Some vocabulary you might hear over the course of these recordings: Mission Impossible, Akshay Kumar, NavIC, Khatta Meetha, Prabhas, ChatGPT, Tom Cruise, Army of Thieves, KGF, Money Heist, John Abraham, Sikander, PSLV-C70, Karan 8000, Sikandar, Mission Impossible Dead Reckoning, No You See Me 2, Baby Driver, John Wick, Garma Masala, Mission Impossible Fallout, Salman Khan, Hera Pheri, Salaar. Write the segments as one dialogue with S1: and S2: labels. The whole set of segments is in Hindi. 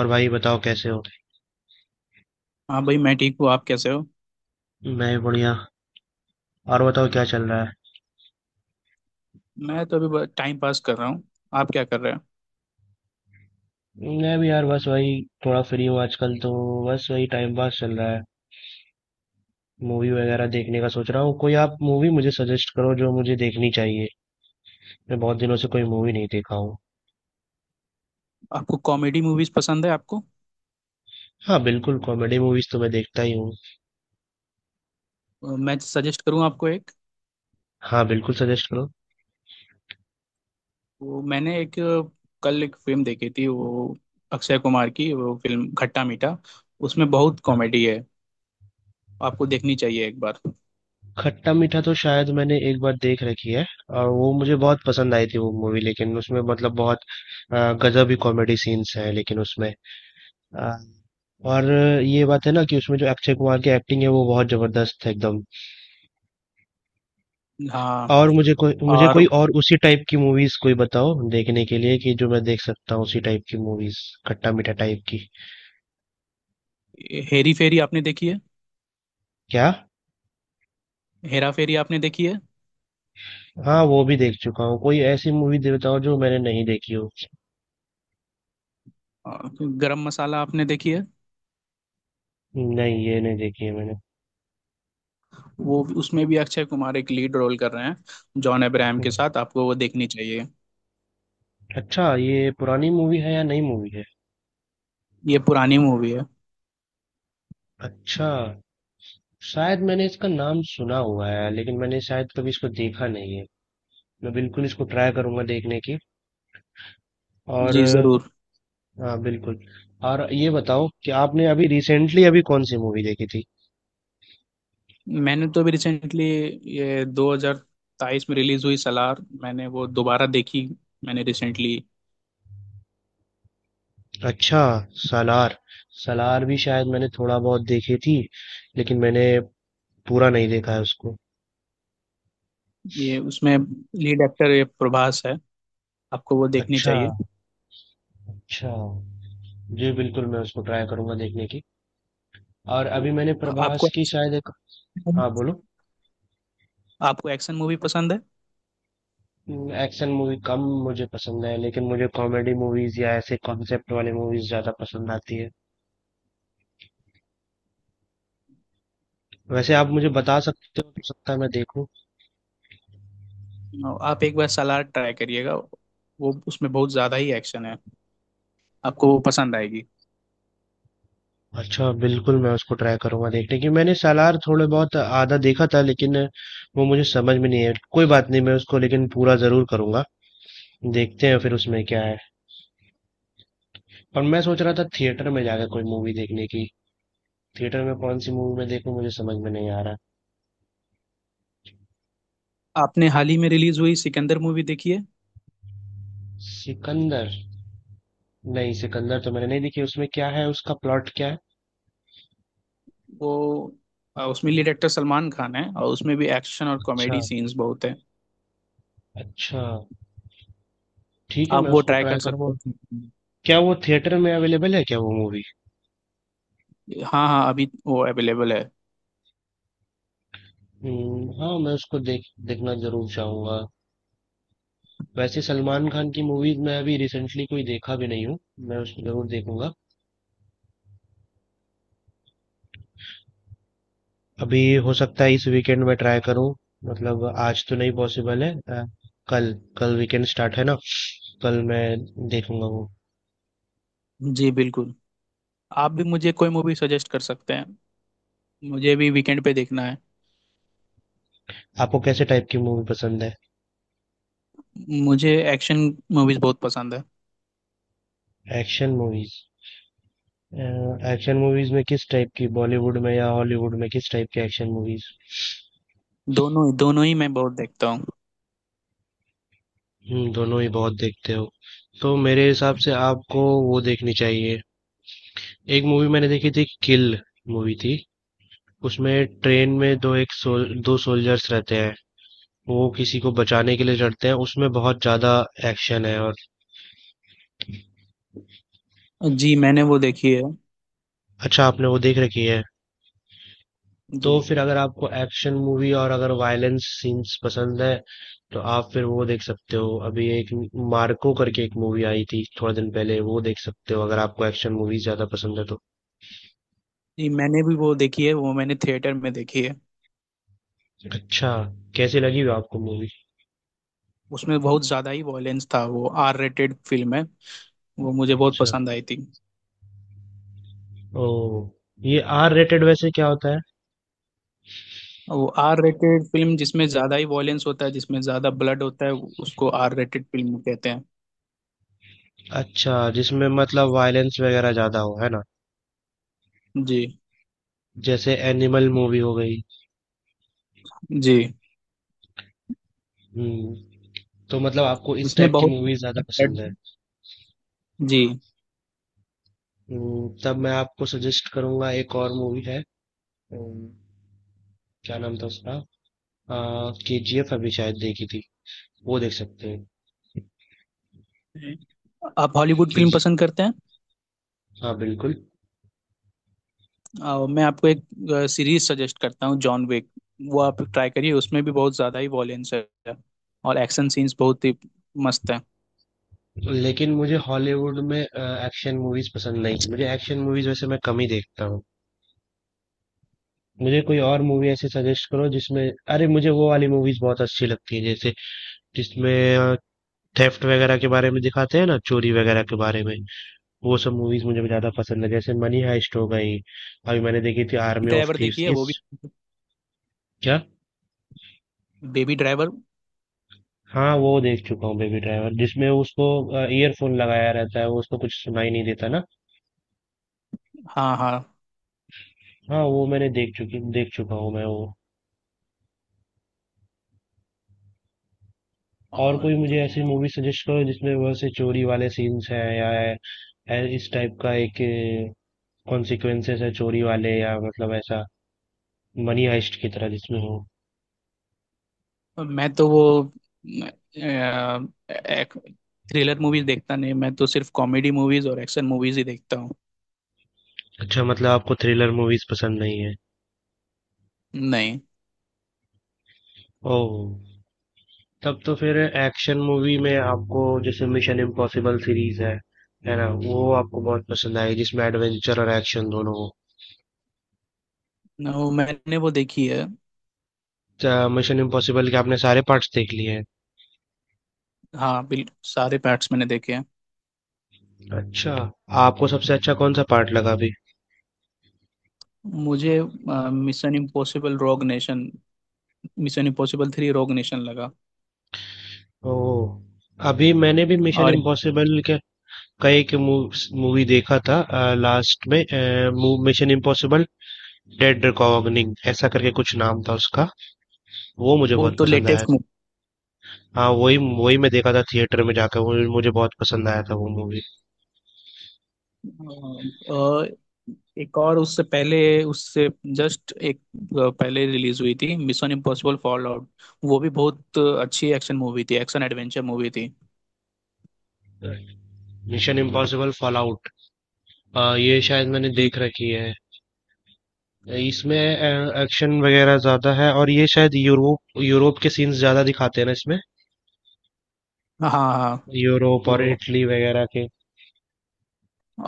S1: और भाई बताओ कैसे हो।
S2: हाँ भाई, मैं ठीक हूँ। आप कैसे हो?
S1: मैं भी बढ़िया। और बताओ क्या चल रहा है।
S2: मैं तो अभी टाइम पास कर रहा हूँ। आप क्या कर रहे हो?
S1: मैं भी यार बस वही थोड़ा फ्री हूँ आजकल तो। बस वही टाइम पास चल रहा है। मूवी वगैरह देखने का सोच रहा हूँ कोई। आप मूवी मुझे सजेस्ट करो जो मुझे देखनी चाहिए। मैं बहुत दिनों से कोई मूवी नहीं देखा हूँ।
S2: आपको कॉमेडी मूवीज पसंद है आपको?
S1: हाँ बिल्कुल, कॉमेडी मूवीज तो मैं देखता ही हूँ।
S2: मैं सजेस्ट करूँ आपको एक?
S1: हाँ बिल्कुल सजेस्ट करो।
S2: वो मैंने एक कल एक फिल्म देखी थी, वो अक्षय कुमार की वो फिल्म खट्टा मीठा। उसमें बहुत
S1: हाँ।
S2: कॉमेडी है। आपको देखनी चाहिए एक बार।
S1: खट्टा मीठा तो शायद मैंने एक बार देख रखी है। और वो मुझे बहुत पसंद आई थी वो मूवी, लेकिन उसमें मतलब बहुत गजब ही कॉमेडी सीन्स हैं, लेकिन उसमें आ, और ये बात है ना कि उसमें जो अक्षय कुमार की एक्टिंग है वो बहुत जबरदस्त है एकदम।
S2: हाँ।
S1: और मुझे कोई मुझे
S2: और
S1: कोई और उसी टाइप की मूवीज कोई बताओ देखने के लिए, कि जो मैं देख सकता हूँ उसी टाइप की मूवीज। खट्टा मीठा टाइप की।
S2: हेरी फेरी आपने देखी है?
S1: क्या?
S2: हेरा फेरी आपने देखी है?
S1: हाँ वो भी देख चुका हूँ, कोई ऐसी मूवी दे बताओ जो मैंने नहीं देखी हो।
S2: अ, गरम मसाला आपने देखी है?
S1: नहीं ये नहीं देखी है मैंने।
S2: वो उसमें भी अक्षय कुमार एक लीड रोल कर रहे हैं जॉन अब्राहम के
S1: हम्म।
S2: साथ। आपको वो देखनी चाहिए।
S1: अच्छा ये पुरानी मूवी है या नई मूवी है?
S2: ये पुरानी मूवी है।
S1: अच्छा। शायद मैंने इसका नाम सुना हुआ है, लेकिन मैंने शायद कभी इसको देखा नहीं है। मैं बिल्कुल इसको ट्राई करूंगा देखने की। और
S2: जी जरूर।
S1: हाँ बिल्कुल। और ये बताओ कि आपने अभी रिसेंटली अभी कौन सी मूवी देखी थी?
S2: मैंने तो अभी रिसेंटली, ये 2023 में रिलीज हुई सलार, मैंने वो दोबारा देखी। मैंने रिसेंटली,
S1: अच्छा। सालार। सालार भी शायद मैंने थोड़ा बहुत देखी थी, लेकिन मैंने पूरा नहीं देखा है उसको।
S2: ये उसमें लीड एक्टर ये प्रभास है। आपको वो देखनी
S1: अच्छा।
S2: चाहिए।
S1: अच्छा। जी बिल्कुल, मैं उसको ट्राई करूंगा देखने की। और अभी मैंने प्रभास
S2: आपको,
S1: की शायद एक। हाँ बोलो।
S2: आपको एक्शन मूवी पसंद है?
S1: एक्शन मूवी कम मुझे पसंद है, लेकिन मुझे कॉमेडी मूवीज या ऐसे कॉन्सेप्ट वाले मूवीज ज्यादा पसंद आती है। वैसे आप मुझे बता सकते हो, तो सकता है मैं देखूं।
S2: आप एक बार सलार ट्राई करिएगा। वो उसमें बहुत ज्यादा ही एक्शन है। आपको वो पसंद आएगी।
S1: अच्छा बिल्कुल, मैं उसको ट्राई करूंगा देखने की। मैंने सालार थोड़े बहुत आधा देखा था, लेकिन वो मुझे समझ में नहीं है। कोई बात नहीं, मैं उसको लेकिन पूरा जरूर करूंगा। देखते हैं फिर उसमें क्या है। और मैं सोच रहा था थिएटर में जाकर कोई मूवी देखने की। थिएटर में कौन सी मूवी मैं देखूं मुझे समझ में नहीं आ रहा।
S2: आपने हाल ही में रिलीज हुई सिकंदर मूवी देखी है?
S1: सिकंदर? नहीं, सिकंदर तो मैंने नहीं देखी। उसमें क्या है, उसका प्लॉट क्या है?
S2: वो उसमें लीड एक्टर सलमान खान है और उसमें भी एक्शन और
S1: अच्छा।
S2: कॉमेडी सीन्स बहुत है।
S1: अच्छा। ठीक है,
S2: आप
S1: मैं
S2: वो
S1: उसको
S2: ट्राई
S1: ट्राई
S2: कर
S1: करूंगा।
S2: सकते हैं।
S1: क्या वो थिएटर में अवेलेबल है क्या वो मूवी?
S2: हाँ हाँ, अभी वो अवेलेबल है।
S1: हाँ मैं उसको देख, देखना जरूर चाहूंगा। वैसे सलमान खान की मूवीज मैं अभी रिसेंटली कोई देखा भी नहीं हूँ। मैं उसको जरूर देखूंगा अभी। हो सकता है इस वीकेंड में ट्राई करूँ। मतलब आज तो नहीं पॉसिबल है। कल, कल वीकेंड स्टार्ट है ना। कल मैं देखूंगा वो।
S2: जी बिल्कुल। आप भी मुझे कोई मूवी सजेस्ट कर सकते हैं। मुझे भी वीकेंड पे देखना है।
S1: आपको कैसे टाइप की मूवी पसंद है?
S2: मुझे एक्शन मूवीज बहुत पसंद है।
S1: Action movies. एक्शन मूवीज में किस टाइप की, बॉलीवुड में या हॉलीवुड में, किस टाइप के एक्शन मूवीज?
S2: दोनों ही, दोनों ही मैं बहुत देखता हूँ।
S1: दोनों ही बहुत देखते हो। तो मेरे हिसाब से आपको वो देखनी चाहिए। एक मूवी मैंने देखी थी, किल मूवी थी। उसमें ट्रेन में दो एक सोल, दो सोल्जर्स रहते हैं। वो किसी को बचाने के लिए चढ़ते हैं, उसमें बहुत ज्यादा एक्शन है। और
S2: जी, मैंने वो देखी है।
S1: अच्छा, आपने वो देख रखी है। तो
S2: जी।
S1: फिर अगर आपको एक्शन मूवी और अगर वायलेंस सीन्स पसंद है, तो आप फिर वो देख सकते हो। अभी एक मार्को करके एक मूवी आई थी थोड़ा दिन पहले, वो देख सकते हो अगर आपको एक्शन मूवी ज्यादा पसंद है तो।
S2: जी, मैंने भी वो देखी है, वो मैंने थिएटर में देखी है।
S1: अच्छा। कैसी लगी हुई आपको मूवी?
S2: उसमें बहुत ज़्यादा ही वॉयलेंस था, वो आर रेटेड फिल्म है। वो मुझे बहुत
S1: अच्छा।
S2: पसंद आई थी।
S1: ओ, ये आर रेटेड वैसे क्या होता है?
S2: वो आर रेटेड फिल्म जिसमें ज़्यादा ही वॉयलेंस होता है, जिसमें ज़्यादा ब्लड होता है, उसको आर रेटेड फिल्म कहते हैं।
S1: अच्छा, जिसमें मतलब वायलेंस वगैरह ज्यादा हो, है ना।
S2: जी।
S1: जैसे एनिमल मूवी हो गई।
S2: जी।
S1: हम्म। तो मतलब आपको इस
S2: इसमें
S1: टाइप की
S2: बहुत,
S1: मूवी ज्यादा पसंद है।
S2: जी।
S1: तब मैं आपको सजेस्ट करूंगा, एक और मूवी है। हम्म, क्या नाम था उसका? के जी एफ अभी शायद देखी थी, वो देख सकते हैं।
S2: आप हॉलीवुड
S1: के
S2: फिल्म
S1: जी।
S2: पसंद करते हैं?
S1: हाँ बिल्कुल।
S2: मैं आपको एक सीरीज सजेस्ट करता हूँ, जॉन विक। वो आप ट्राई करिए। उसमें भी बहुत ज़्यादा ही वॉयलेंस है और एक्शन सीन्स बहुत ही मस्त है।
S1: लेकिन मुझे हॉलीवुड में एक्शन मूवीज पसंद नहीं, मुझे एक्शन मूवीज वैसे मैं कम ही देखता हूँ। मुझे कोई और मूवी ऐसे सजेस्ट करो जिसमें, अरे मुझे वो वाली मूवीज बहुत अच्छी लगती है, जैसे जिसमें थेफ्ट वगैरह के बारे में दिखाते हैं ना, चोरी वगैरह के बारे में। वो सब मूवीज मुझे ज्यादा पसंद है, जैसे मनी हाइस्ट हो गई। अभी मैंने देखी थी आर्मी ऑफ
S2: ड्राइवर
S1: थीव्स
S2: देखिए वो
S1: इस।
S2: भी,
S1: क्या?
S2: Baby driver.
S1: हाँ, वो देख चुका हूँ बेबी ड्राइवर, जिसमें उसको ईयरफोन लगाया रहता है, वो उसको कुछ सुनाई नहीं देता ना।
S2: हाँ हाँ।
S1: हाँ वो मैंने देख चुका हूँ मैं वो। और
S2: और
S1: कोई मुझे ऐसी मूवी सजेस्ट करो जिसमें वैसे चोरी वाले सीन्स हैं, या इस टाइप का एक कॉन्सिक्वेंसेस है चोरी वाले, या मतलब ऐसा मनी हाइस्ट की तरह जिसमें हो।
S2: मैं तो वो थ्रिलर मूवीज देखता नहीं। मैं तो सिर्फ कॉमेडी मूवीज और एक्शन मूवीज ही देखता हूँ।
S1: अच्छा मतलब आपको थ्रिलर मूवीज पसंद नहीं है।
S2: नहीं।
S1: ओह। तब तो फिर एक्शन मूवी में आपको जैसे मिशन इम्पॉसिबल सीरीज है ना, वो आपको बहुत पसंद आई, जिसमें एडवेंचर और एक्शन दोनों
S2: न, वो मैंने वो देखी है।
S1: हो। मिशन इम्पॉसिबल के आपने सारे पार्ट्स देख लिए हैं?
S2: हाँ बिल्कुल, सारे पार्ट्स मैंने देखे हैं।
S1: अच्छा। आपको सबसे अच्छा कौन सा पार्ट लगा अभी?
S2: मुझे mission impossible rogue nation, mission impossible three rogue nation लगा।
S1: ओह, अभी मैंने भी मिशन
S2: और
S1: इम्पॉसिबल के कई के मूवी देखा था। लास्ट में मिशन इम्पॉसिबल डेड रिकॉग्निंग ऐसा करके कुछ नाम था उसका, वो मुझे
S2: वो
S1: बहुत
S2: तो
S1: पसंद आया।
S2: Latest movie.
S1: हाँ वही वही मैं देखा था थिएटर में जाकर, वो मुझे बहुत पसंद आया था वो मूवी।
S2: एक और, उससे पहले, उससे जस्ट एक पहले रिलीज हुई थी, मिशन इम्पॉसिबल फॉल आउट। वो भी बहुत अच्छी एक्शन मूवी थी, एक्शन एडवेंचर मूवी थी।
S1: मिशन इम्पॉसिबल फॉलआउट, ये शायद मैंने
S2: जी।
S1: देख रखी है। इसमें एक्शन वगैरह ज्यादा है, और ये शायद यूरोप यूरोप के सीन्स ज्यादा दिखाते हैं ना इसमें,
S2: हाँ हाँ
S1: यूरोप और
S2: वो,
S1: इटली वगैरह के।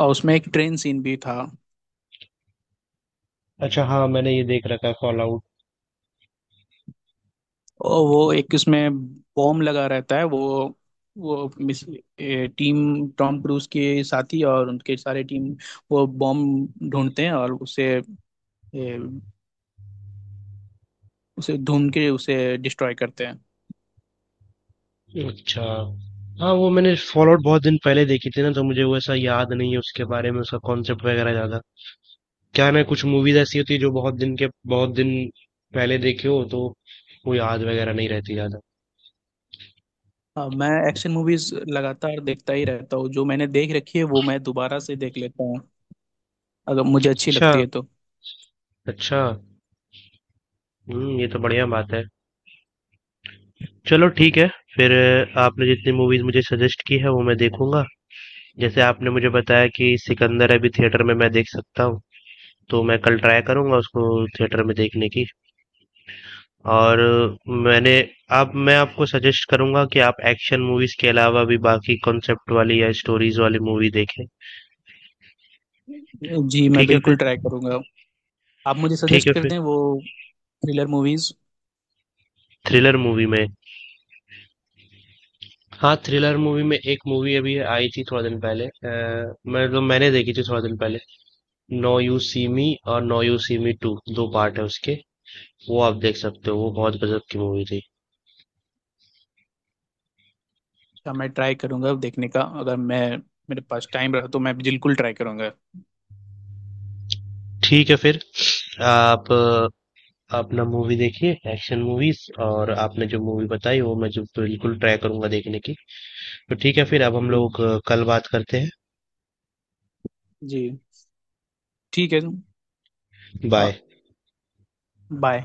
S2: और उसमें एक ट्रेन सीन भी था।
S1: अच्छा हाँ, मैंने ये देख रखा है फॉलआउट।
S2: और वो एक उसमें बॉम्ब लगा रहता है। वो मिस टीम, टॉम क्रूज के साथी और उनके सारे टीम वो बॉम्ब ढूंढते हैं और उसे, ए, उसे ढूंढ के उसे डिस्ट्रॉय करते हैं।
S1: अच्छा हाँ, वो मैंने फॉलआउट बहुत दिन पहले देखी थी ना, तो मुझे वो ऐसा याद नहीं है उसके बारे में, उसका कॉन्सेप्ट वगैरह ज्यादा। क्या है ना, कुछ मूवीज ऐसी होती है जो बहुत दिन के, बहुत दिन पहले देखी हो तो वो याद वगैरह नहीं रहती ज्यादा।
S2: हाँ, मैं एक्शन मूवीज लगातार देखता ही रहता हूँ। जो मैंने देख रखी है वो मैं दोबारा से देख लेता हूँ अगर मुझे अच्छी
S1: अच्छा।
S2: लगती है तो।
S1: अच्छा। हम्म, ये तो बढ़िया बात है। चलो ठीक है फिर। आपने जितनी मूवीज मुझे सजेस्ट की है वो मैं देखूंगा। जैसे आपने मुझे बताया कि सिकंदर अभी थिएटर में मैं देख सकता हूँ, तो मैं कल ट्राई करूंगा उसको थिएटर में देखने की। और मैंने, आप, मैं आपको सजेस्ट करूंगा कि आप एक्शन मूवीज के अलावा भी बाकी कॉन्सेप्ट वाली या स्टोरीज वाली मूवी देखें।
S2: जी, मैं
S1: ठीक है फिर।
S2: बिल्कुल ट्राई करूंगा। आप मुझे
S1: ठीक
S2: सजेस्ट
S1: है
S2: कर
S1: फिर।
S2: दें वो थ्रिलर मूवीज।
S1: थ्रिलर मूवी में, हाँ थ्रिलर मूवी में एक मूवी अभी आई थी थोड़ा दिन पहले, मैं तो, मैंने देखी थी थोड़ा दिन पहले, नो यू सी मी। और now you see me two, दो पार्ट है उसके। वो आप देख सकते हो, वो बहुत गजब की मूवी थी।
S2: अच्छा, मैं ट्राई करूंगा अब देखने का। अगर मैं, मेरे पास टाइम रहा तो मैं बिल्कुल ट्राई करूंगा।
S1: ठीक है फिर। आप अपना मूवी देखिए एक्शन मूवीज, और आपने जो मूवी बताई वो मैं जो बिल्कुल ट्राई करूंगा देखने की। तो ठीक है फिर, अब हम
S2: जी।
S1: लोग कल बात करते हैं।
S2: जी। ठीक है। और
S1: बाय।
S2: बाय।